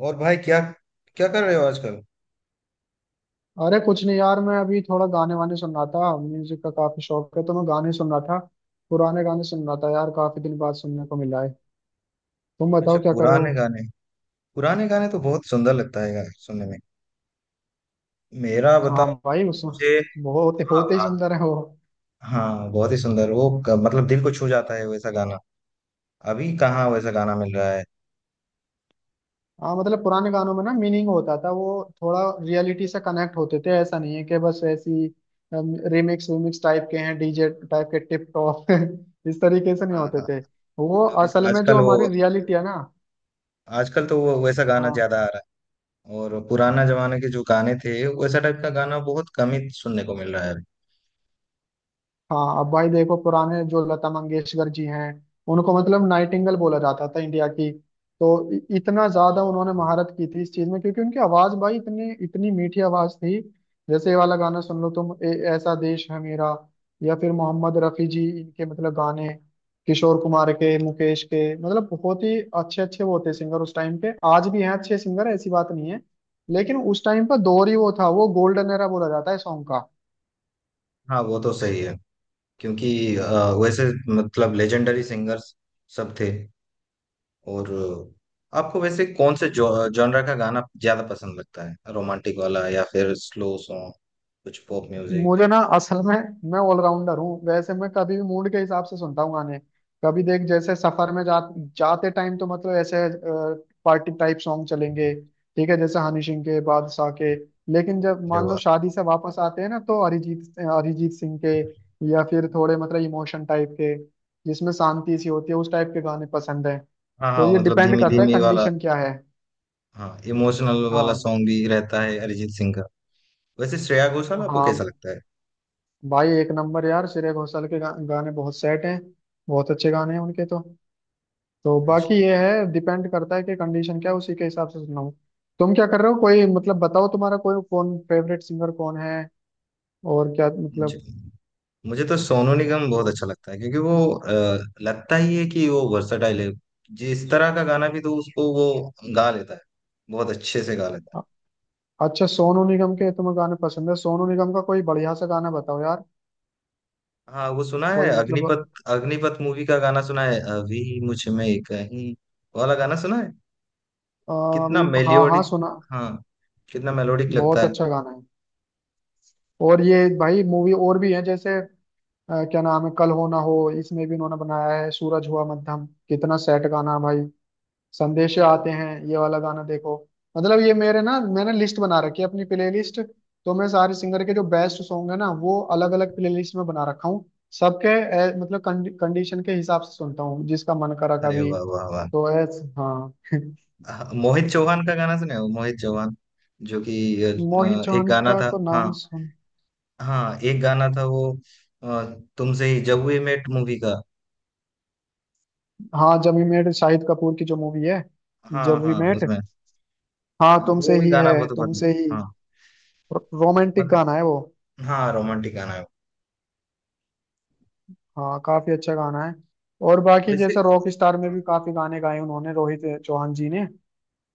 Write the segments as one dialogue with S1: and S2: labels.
S1: और भाई क्या क्या कर रहे हो आजकल।
S2: अरे कुछ नहीं यार। मैं अभी थोड़ा गाने वाने सुन रहा था, म्यूजिक का काफी शौक है तो मैं गाने सुन रहा था। पुराने गाने सुन रहा था यार, काफी दिन बाद सुनने को मिला है। तुम
S1: अच्छा,
S2: बताओ क्या कर रहे हो?
S1: पुराने गाने। पुराने गाने तो बहुत सुंदर लगता है यार सुनने में। मेरा
S2: हाँ
S1: बताऊं
S2: भाई,
S1: तो
S2: उसमें
S1: मुझे।
S2: वो होते
S1: हाँ
S2: होते ही
S1: हाँ।
S2: सुंदर है वो।
S1: हाँ, बहुत ही सुंदर वो मतलब दिल को छू जाता है वैसा गाना। अभी कहाँ वैसा गाना मिल रहा है।
S2: हाँ, मतलब पुराने गानों में ना मीनिंग होता था, वो थोड़ा रियलिटी से कनेक्ट होते थे। ऐसा नहीं है कि बस ऐसी रिमिक्स विमिक्स टाइप के हैं, डीजे टाइप के, टिप टॉप इस तरीके से नहीं
S1: हाँ
S2: होते
S1: हाँ।
S2: थे। वो
S1: अभी तो
S2: असल में
S1: आजकल
S2: जो हमारी
S1: वो,
S2: रियलिटी है ना।
S1: आजकल तो वो वैसा गाना
S2: हाँ
S1: ज्यादा आ रहा है। और पुराना जमाने के जो गाने थे, वैसा टाइप का गाना बहुत कम ही सुनने को मिल रहा है अभी।
S2: हाँ। अब भाई देखो, पुराने जो लता मंगेशकर जी हैं, उनको मतलब नाइटिंगेल बोला जाता था इंडिया की। तो इतना ज्यादा उन्होंने महारत की थी इस चीज में, क्योंकि उनकी आवाज भाई इतनी इतनी मीठी आवाज थी। जैसे ये वाला गाना सुन लो तुम, ऐसा देश है मेरा। या फिर मोहम्मद रफी जी, इनके मतलब गाने, किशोर कुमार के, मुकेश के, मतलब बहुत ही अच्छे अच्छे वो थे सिंगर उस टाइम के। आज भी हैं अच्छे सिंगर, ऐसी बात नहीं है। लेकिन उस टाइम का दौर ही वो था, वो गोल्डन एरा बोला जाता है सॉन्ग का।
S1: हाँ, वो तो सही है। क्योंकि वैसे मतलब लेजेंडरी सिंगर्स सब थे। और आपको वैसे कौन से जॉनरा का गाना ज्यादा पसंद लगता है, रोमांटिक वाला या फिर स्लो सॉन्ग, कुछ पॉप म्यूजिक?
S2: मुझे ना असल में, मैं ऑलराउंडर हूँ वैसे, मैं कभी भी मूड के हिसाब से सुनता हूँ गाने। कभी देख, जैसे सफर में जाते टाइम तो मतलब ऐसे पार्टी टाइप सॉन्ग चलेंगे। ठीक है, जैसे हनी सिंह के, बादशाह के। लेकिन जब
S1: अरे
S2: मान लो
S1: वाह।
S2: शादी से वापस आते हैं ना, तो अरिजीत अरिजीत सिंह के। या फिर थोड़े मतलब इमोशन टाइप के, जिसमें शांति सी होती है, उस टाइप के गाने पसंद है।
S1: हाँ
S2: तो
S1: हाँ,
S2: ये
S1: मतलब
S2: डिपेंड
S1: धीमी
S2: करता है
S1: धीमी वाला।
S2: कंडीशन क्या है।
S1: हाँ, इमोशनल वाला
S2: हाँ।
S1: सॉन्ग भी रहता है अरिजीत सिंह का। वैसे श्रेया घोषाल आपको कैसा
S2: हाँ
S1: लगता है?
S2: भाई, एक नंबर यार, श्रेया घोषाल के गाने बहुत सेट हैं। बहुत अच्छे गाने हैं उनके तो। तो
S1: अच्छा।
S2: बाकी ये है, डिपेंड करता है कि कंडीशन क्या है, उसी के हिसाब से सुनना हो। तुम क्या कर रहे हो? कोई मतलब बताओ, तुम्हारा कोई कौन फेवरेट सिंगर कौन है, और क्या
S1: मुझे,
S2: मतलब।
S1: मुझे तो सोनू निगम बहुत अच्छा लगता है, क्योंकि वो लगता ही है कि वो वर्सटाइल है। जिस तरह का गाना भी तो उसको वो गा लेता है, बहुत अच्छे से गा लेता है।
S2: अ- अच्छा, सोनू निगम के तुम्हें गाने पसंद है। सोनू निगम का कोई बढ़िया सा गाना बताओ यार।
S1: हाँ, वो सुना है
S2: कोई मतलब,
S1: अग्निपथ, अग्निपथ मूवी का गाना सुना है अभी, मुझ में कहीं वाला गाना सुना है। कितना
S2: अभी हाँ हाँ
S1: मेलोडिक।
S2: सुना।
S1: हाँ, कितना मेलोडिक लगता
S2: बहुत
S1: है।
S2: अच्छा गाना है। और ये भाई, मूवी और भी है जैसे, क्या नाम है कल हो ना हो। इसमें भी इन्होंने बनाया है सूरज हुआ मध्यम, कितना सेट गाना है भाई। संदेश आते हैं ये वाला गाना, देखो मतलब ये मेरे ना, मैंने लिस्ट बना रखी है अपनी प्लेलिस्ट। तो मैं सारे सिंगर के जो बेस्ट सॉन्ग है ना, वो अलग अलग प्लेलिस्ट में बना रखा हूँ। सबके मतलब कंडीशन के हिसाब से सुनता हूँ, जिसका मन करा
S1: अरे
S2: कभी,
S1: वाह वाह वाह।
S2: तो ऐस हाँ
S1: हाँ, मोहित चौहान का गाना सुना है, वो मोहित चौहान जो कि
S2: मोहित
S1: एक
S2: चौहान
S1: गाना
S2: का
S1: था।
S2: तो
S1: हाँ,
S2: नाम सुन।
S1: हाँ एक गाना था वो, अ, तुमसे ही, जब वी मेट मूवी का।
S2: हाँ, जब वी मेट शाहिद कपूर की जो मूवी है,
S1: हाँ
S2: जब वी
S1: हाँ,
S2: मेट।
S1: उसमें।
S2: हाँ
S1: हाँ,
S2: तुमसे
S1: वो भी
S2: ही है
S1: गाना बहुत पसंद
S2: तुमसे ही।
S1: है। हाँ।
S2: रोमांटिक
S1: मत,
S2: गाना है वो।
S1: हाँ रोमांटिक गाना है वो।
S2: हाँ काफी अच्छा गाना है। और बाकी
S1: वैसे,
S2: जैसे रॉक स्टार में भी काफी गाने गाए उन्होंने, रोहित चौहान जी ने।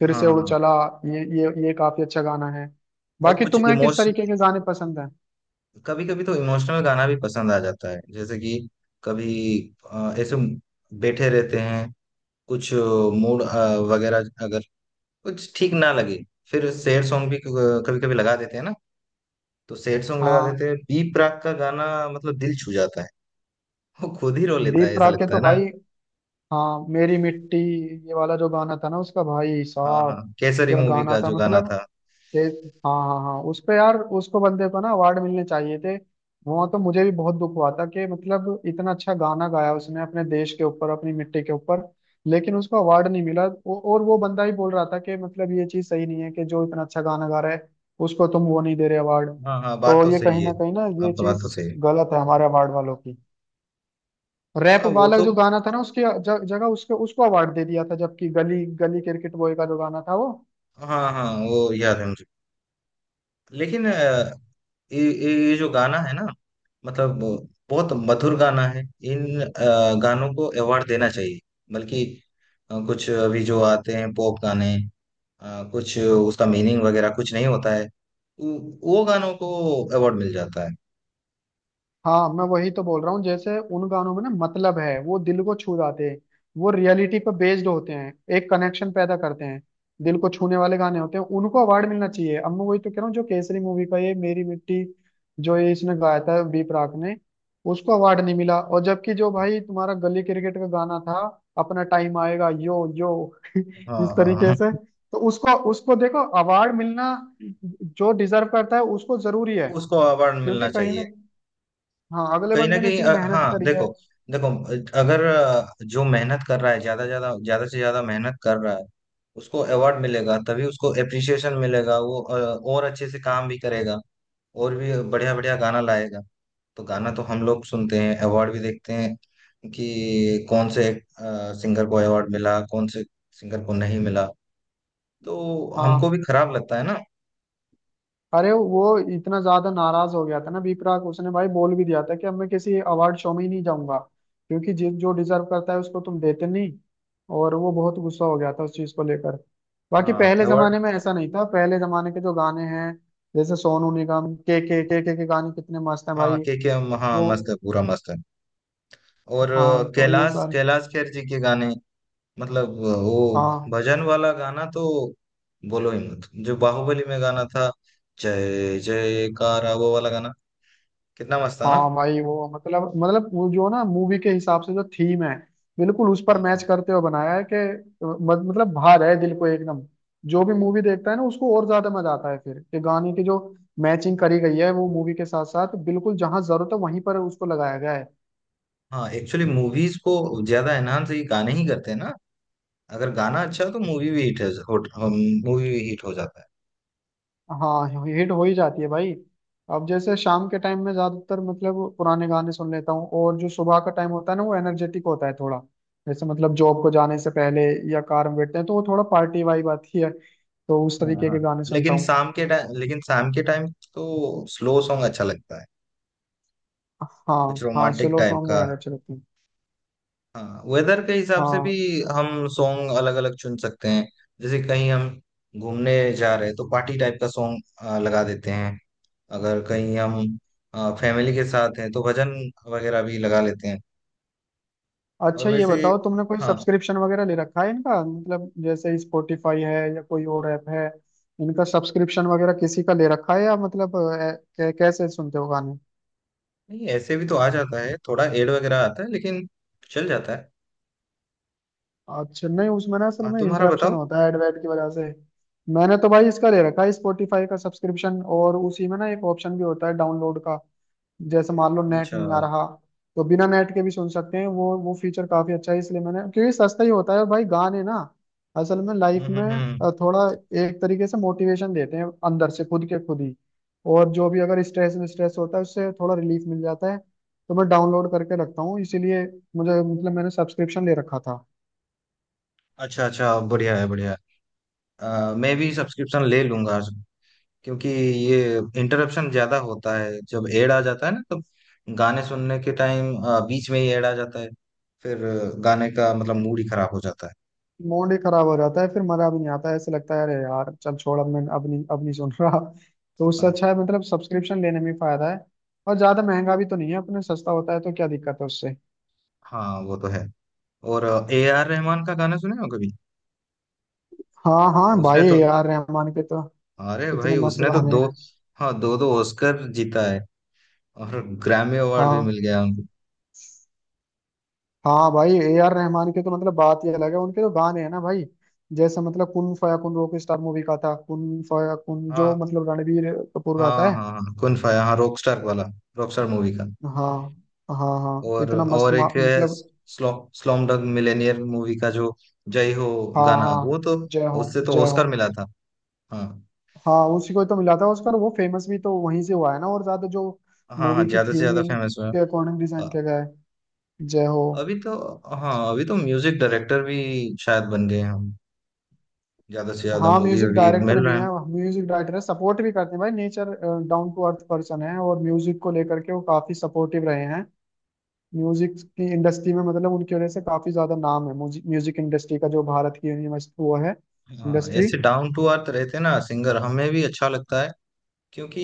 S2: फिर
S1: हाँ
S2: से उड़
S1: हाँ।
S2: चला, ये काफी अच्छा गाना है।
S1: और
S2: बाकी
S1: कुछ
S2: तुम्हें किस
S1: इमोश,
S2: तरीके के गाने पसंद हैं?
S1: कभी कभी तो इमोशनल गाना भी पसंद आ जाता है, जैसे कि कभी ऐसे बैठे रहते हैं, कुछ मूड वगैरह अगर कुछ ठीक ना लगे, फिर सैड सॉन्ग भी कभी कभी लगा देते हैं ना, तो सैड सॉन्ग लगा
S2: हाँ
S1: देते हैं, बी प्राक का गाना मतलब दिल छू जाता है, वो खुद ही रो लेता है
S2: दीप
S1: ऐसा
S2: राग के
S1: लगता
S2: तो
S1: है ना।
S2: भाई, हाँ मेरी मिट्टी, ये वाला जो गाना था ना उसका भाई
S1: हाँ
S2: साहब,
S1: हाँ, केसरी
S2: क्या
S1: मूवी
S2: गाना
S1: का
S2: था
S1: जो गाना
S2: मतलब
S1: था।
S2: कि। हाँ, हाँ, हाँ, उस पे यार, उसको बंदे को ना अवार्ड मिलने चाहिए थे। वहां तो मुझे भी बहुत दुख हुआ था कि मतलब इतना अच्छा गाना गाया उसने, अपने देश के ऊपर, अपनी मिट्टी के ऊपर। लेकिन उसको अवार्ड नहीं मिला। और वो बंदा ही बोल रहा था कि मतलब ये चीज सही नहीं है कि जो इतना अच्छा गाना गा रहा है, उसको तुम वो नहीं दे रहे अवार्ड।
S1: हाँ हाँ, बात
S2: तो
S1: तो
S2: ये
S1: सही
S2: कहीं
S1: है।
S2: ना कहीं ना, ये
S1: आपका बात तो
S2: चीज
S1: सही है।
S2: गलत है हमारे अवार्ड वालों की। रैप
S1: हाँ, वो
S2: वाला
S1: तो,
S2: जो गाना था ना, उसकी जगह उसके उसको अवार्ड दे दिया था, जबकि गली गली क्रिकेट बॉय का जो गाना था वो।
S1: हाँ हाँ, वो याद है मुझे। लेकिन ये जो गाना है ना, मतलब बहुत मधुर गाना है। इन गानों को अवार्ड देना चाहिए। बल्कि कुछ अभी जो आते हैं पॉप गाने, कुछ उसका मीनिंग वगैरह कुछ नहीं होता है, वो वो गानों को अवार्ड मिल जाता है।
S2: हाँ, मैं वही तो बोल रहा हूँ, जैसे उन गानों में ना मतलब है, वो दिल को छू जाते हैं। वो रियलिटी पर बेस्ड होते हैं, एक कनेक्शन पैदा करते हैं, दिल को छूने वाले गाने होते हैं, उनको अवार्ड मिलना चाहिए। अब मैं वही तो कह रहा हूँ, जो केसरी मूवी का ये मेरी मिट्टी, जो ये इसने गाया था बी प्राक ने। उसको अवार्ड नहीं मिला, और जबकि जो भाई तुम्हारा गली क्रिकेट का गाना था, अपना टाइम आएगा, यो यो
S1: हाँ
S2: इस
S1: हाँ
S2: तरीके
S1: हाँ,
S2: से। तो उसको उसको देखो, अवार्ड मिलना जो डिजर्व करता है उसको जरूरी है।
S1: उसको अवार्ड
S2: क्योंकि
S1: मिलना
S2: कहीं ना,
S1: चाहिए।
S2: हाँ, अगले
S1: कहीं ना
S2: बंदे ने
S1: कहीं
S2: इतनी मेहनत
S1: हाँ
S2: करी है।
S1: देखो, देखो अगर जो मेहनत कर रहा है, ज्यादा ज्यादा ज्यादा से ज्यादा मेहनत कर रहा है, उसको अवार्ड मिलेगा तभी उसको एप्रिसिएशन मिलेगा, वो और अच्छे से काम भी करेगा, और भी बढ़िया बढ़िया गाना लाएगा। तो गाना तो हम लोग सुनते हैं, अवार्ड भी देखते हैं कि कौन से सिंगर को अवार्ड मिला, कौन से सिंगर को नहीं मिला, तो हमको
S2: हाँ,
S1: भी खराब लगता है ना।
S2: अरे वो, इतना ज्यादा नाराज हो गया था ना विपराग, उसने भाई बोल भी दिया था कि अब मैं किसी अवार्ड शो में ही नहीं जाऊंगा। क्योंकि जिस जो डिजर्व करता है उसको तुम देते नहीं। और वो बहुत गुस्सा हो गया था उस चीज को लेकर। बाकी
S1: हाँ
S2: पहले
S1: अवार्ड।
S2: जमाने में ऐसा नहीं था, पहले जमाने के जो गाने हैं, जैसे सोनू निगम के गाने कितने मस्त हैं
S1: हाँ
S2: भाई।
S1: के, हाँ
S2: वो,
S1: मस्त है पूरा मस्त है। और
S2: हाँ तो ये
S1: कैलाश,
S2: सारे।
S1: कैलाश खेर जी के गाने, मतलब वो
S2: हाँ
S1: भजन वाला गाना तो बोलो ही मत। जो बाहुबली में गाना था, जय जय कारा वो वाला गाना, कितना मस्त था ना।
S2: हाँ, भाई वो मतलब वो जो ना मूवी के हिसाब से जो थीम है, बिल्कुल उस पर मैच
S1: हाँ
S2: करते हुए बनाया है कि मतलब भा रहा है दिल को एकदम। जो भी मूवी देखता है ना उसको और ज्यादा मजा आता है, फिर कि गाने की जो मैचिंग करी गई है, वो मूवी के साथ साथ बिल्कुल जहां जरूरत है वहीं पर उसको लगाया गया है।
S1: हाँ, एक्चुअली मूवीज को ज्यादा एनहांस ये गाने ही करते हैं ना। अगर गाना अच्छा हो तो मूवी भी हिट हो, मूवी भी हिट हो जाता है।
S2: हाँ हिट हो ही जाती है भाई। अब जैसे शाम के टाइम में ज्यादातर मतलब पुराने गाने सुन लेता हूँ, और जो सुबह का टाइम होता है ना, वो एनर्जेटिक होता है थोड़ा। जैसे मतलब जॉब को जाने से पहले, या कार में बैठते हैं तो वो थोड़ा पार्टी वाइब आती है, तो उस
S1: हाँ
S2: तरीके
S1: हाँ,
S2: के गाने सुनता
S1: लेकिन
S2: हूँ।
S1: शाम के टाइम, लेकिन शाम के टाइम तो स्लो सॉन्ग अच्छा लगता है,
S2: हाँ
S1: कुछ
S2: हाँ,
S1: रोमांटिक
S2: स्लो
S1: टाइप
S2: सॉन्ग
S1: का।
S2: जो है अच्छे लगते हैं।
S1: हाँ, वेदर के हिसाब से भी
S2: हाँ।
S1: हम सॉन्ग अलग अलग चुन सकते हैं। जैसे कहीं हम घूमने जा रहे हैं तो पार्टी टाइप का सॉन्ग लगा देते हैं, अगर कहीं हम फैमिली के साथ हैं तो भजन वगैरह भी लगा लेते हैं। और
S2: अच्छा ये
S1: वैसे,
S2: बताओ, तुमने कोई
S1: हाँ।
S2: सब्सक्रिप्शन वगैरह ले रखा है इनका मतलब, जैसे स्पॉटिफाई है या कोई और ऐप है। इनका सब्सक्रिप्शन वगैरह किसी का ले रखा है, या मतलब कैसे सुनते हो गाने।
S1: नहीं, ऐसे भी तो आ जाता है, थोड़ा एड वगैरह आता है लेकिन चल जाता है।
S2: अच्छा नहीं, उसमें ना असल में
S1: तुम्हारा
S2: इंटरप्शन
S1: बताओ।
S2: होता है एडवेट की वजह से। मैंने तो भाई इसका ले रखा है, स्पॉटिफाई का सब्सक्रिप्शन, और उसी में ना एक ऑप्शन भी होता है डाउनलोड का। जैसे मान लो नेट
S1: अच्छा,
S2: नहीं आ रहा, तो बिना नेट के भी सुन सकते हैं, वो फीचर काफी अच्छा है, इसलिए मैंने, क्योंकि सस्ता ही होता है। और भाई गाने ना असल में लाइफ
S1: हम्म
S2: में
S1: हम्म।
S2: थोड़ा एक तरीके से मोटिवेशन देते हैं अंदर से खुद के खुद ही। और जो भी अगर स्ट्रेस स्ट्रेस होता है, उससे थोड़ा रिलीफ मिल जाता है। तो मैं डाउनलोड करके रखता हूँ इसीलिए, मुझे मतलब मैंने सब्सक्रिप्शन ले रखा था।
S1: अच्छा अच्छा, बढ़िया है बढ़िया है। मैं भी सब्सक्रिप्शन ले लूंगा, क्योंकि ये इंटरप्शन ज्यादा होता है, जब एड आ जाता है ना तब, गाने सुनने के टाइम बीच में ही एड आ जाता है, फिर गाने का मतलब मूड ही खराब हो जाता है।
S2: मूड ही खराब हो जाता है, फिर मजा भी नहीं आता है, ऐसे लगता है अरे यार चल छोड़, अब मैं अब नहीं सुन रहा। तो उससे
S1: हाँ
S2: अच्छा है, मतलब सब्सक्रिप्शन लेने में फायदा है। और ज्यादा महंगा भी तो नहीं है अपने, सस्ता होता है, तो क्या दिक्कत है उससे।
S1: हाँ, वो तो है। और ए आर रहमान का गाना सुने हो कभी?
S2: हाँ हाँ,
S1: उसने
S2: भाई
S1: तो,
S2: ए आर रहमान के तो
S1: अरे
S2: इतने
S1: भाई
S2: मस्त
S1: उसने तो
S2: गाने
S1: दो,
S2: हैं।
S1: हाँ दो दो ऑस्कर जीता है, और ग्रैमी अवार्ड भी
S2: हाँ
S1: मिल गया उनको।
S2: हाँ, भाई ए आर रहमान के तो मतलब बात ही अलग है, उनके तो गाने हैं ना भाई। जैसे मतलब कुन फया कुन, रॉक स्टार मूवी का था, कुन फया कुन जो
S1: हाँ
S2: मतलब रणबीर कपूर गाता
S1: हाँ
S2: है।
S1: हाँ हाँ कुन फाया, हाँ रॉकस्टार वाला, रॉकस्टार मूवी का।
S2: हाँ हाँ हाँ,
S1: और
S2: इतना मस्त
S1: और एक है
S2: मतलब।
S1: Slum slumdog millionaire movie का जो जय हो
S2: हाँ
S1: गाना, वो
S2: हाँ,
S1: तो
S2: जय हो
S1: उससे तो
S2: जय हो।
S1: ऑस्कर मिला था। हाँ
S2: हाँ उसी को तो मिला था ऑस्कर, वो फेमस भी तो वहीं से हुआ है ना और ज्यादा, जो
S1: हाँ हाँ,
S2: मूवी की
S1: ज्यादा से
S2: थीम
S1: ज्यादा फेमस हुआ।
S2: के अकॉर्डिंग डिजाइन
S1: अ-
S2: किया गया है, जय हो।
S1: अभी तो, हाँ अभी तो म्यूजिक डायरेक्टर भी शायद बन गए हैं हम, ज्यादा से ज्यादा
S2: हाँ
S1: मूवी
S2: म्यूजिक
S1: अभी
S2: डायरेक्टर
S1: मिल
S2: भी
S1: रहे हैं।
S2: हैं। म्यूजिक डायरेक्टर है, सपोर्ट भी करते हैं भाई, nature down to earth person है, और म्यूजिक को लेकर के वो काफी सपोर्टिव रहे हैं। म्यूजिक की इंडस्ट्री में मतलब उनकी वजह से काफी ज्यादा नाम है म्यूजिक इंडस्ट्री का, जो भारत की यूनिवर्सिटी वो है
S1: हाँ,
S2: इंडस्ट्री।
S1: ऐसे डाउन टू अर्थ रहते ना सिंगर, हमें भी अच्छा लगता है, क्योंकि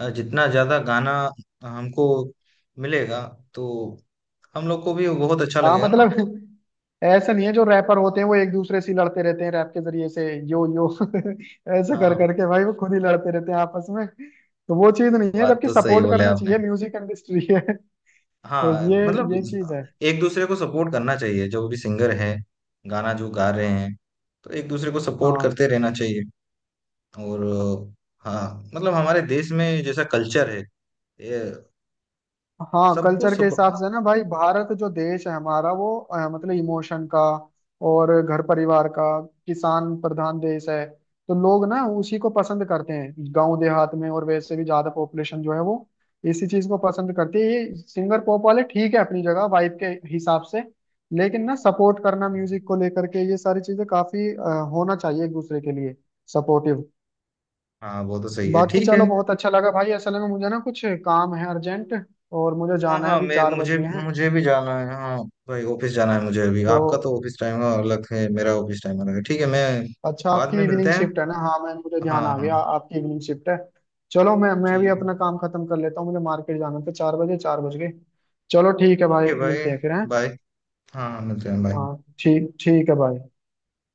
S1: जितना ज्यादा गाना हमको मिलेगा, तो हम लोग को भी बहुत अच्छा
S2: हाँ
S1: लगेगा ना।
S2: मतलब, ऐसा नहीं है, जो रैपर होते हैं वो एक दूसरे से ही लड़ते रहते हैं रैप के जरिए से, यो यो ऐसे
S1: हाँ
S2: कर
S1: हाँ,
S2: करके भाई, वो खुद ही लड़ते रहते हैं आपस में, तो वो चीज नहीं है,
S1: बात
S2: जबकि
S1: तो सही
S2: सपोर्ट
S1: बोले
S2: करना
S1: आपने।
S2: चाहिए, म्यूजिक इंडस्ट्री है तो
S1: हाँ
S2: ये
S1: मतलब
S2: ये चीज है।
S1: एक दूसरे को सपोर्ट करना चाहिए, जो भी सिंगर है, गाना जो गा रहे हैं, तो एक दूसरे को सपोर्ट
S2: हाँ
S1: करते रहना चाहिए। और हाँ मतलब हमारे देश में जैसा कल्चर है, ये
S2: हाँ,
S1: सबको
S2: कल्चर के
S1: सपोर्ट,
S2: हिसाब
S1: हाँ।
S2: से ना भाई, भारत जो देश है हमारा वो मतलब इमोशन का और घर परिवार का, किसान प्रधान देश है। तो लोग ना उसी को पसंद करते हैं गांव देहात में, और वैसे भी ज्यादा पॉपुलेशन जो है वो इसी चीज को पसंद करती है। ये सिंगर पॉप वाले ठीक है अपनी जगह वाइब के हिसाब से। लेकिन ना सपोर्ट करना म्यूजिक को लेकर के ये सारी चीजें काफी होना चाहिए एक दूसरे के लिए सपोर्टिव।
S1: हाँ, वो तो सही है,
S2: बाकी
S1: ठीक है।
S2: चलो, बहुत अच्छा लगा भाई, असल में मुझे ना कुछ काम है अर्जेंट, और मुझे
S1: हाँ
S2: जाना है,
S1: हाँ,
S2: अभी
S1: मैं,
S2: 4 बज
S1: मुझे
S2: गए हैं।
S1: मुझे भी जाना है, हाँ भाई ऑफिस जाना है मुझे अभी।
S2: तो
S1: आपका तो ऑफिस टाइम अलग है, मेरा ऑफिस टाइम अलग है, ठीक है, मैं
S2: अच्छा,
S1: बाद में
S2: आपकी
S1: मिलते
S2: इवनिंग
S1: हैं।
S2: शिफ्ट है ना, हाँ मैं मुझे
S1: हाँ
S2: ध्यान आ
S1: हाँ,
S2: गया, आपकी इवनिंग शिफ्ट है। चलो, मैं भी
S1: ठीक है।
S2: अपना काम खत्म कर लेता हूँ, मुझे मार्केट जाना था, 4 बजे 4 बज गए। चलो ठीक है
S1: ठीक
S2: भाई,
S1: है भाई,
S2: मिलते हैं फिर हैं।
S1: बाय। हाँ हाँ, मिलते हैं, बाय।
S2: हाँ ठीक ठीक है भाई।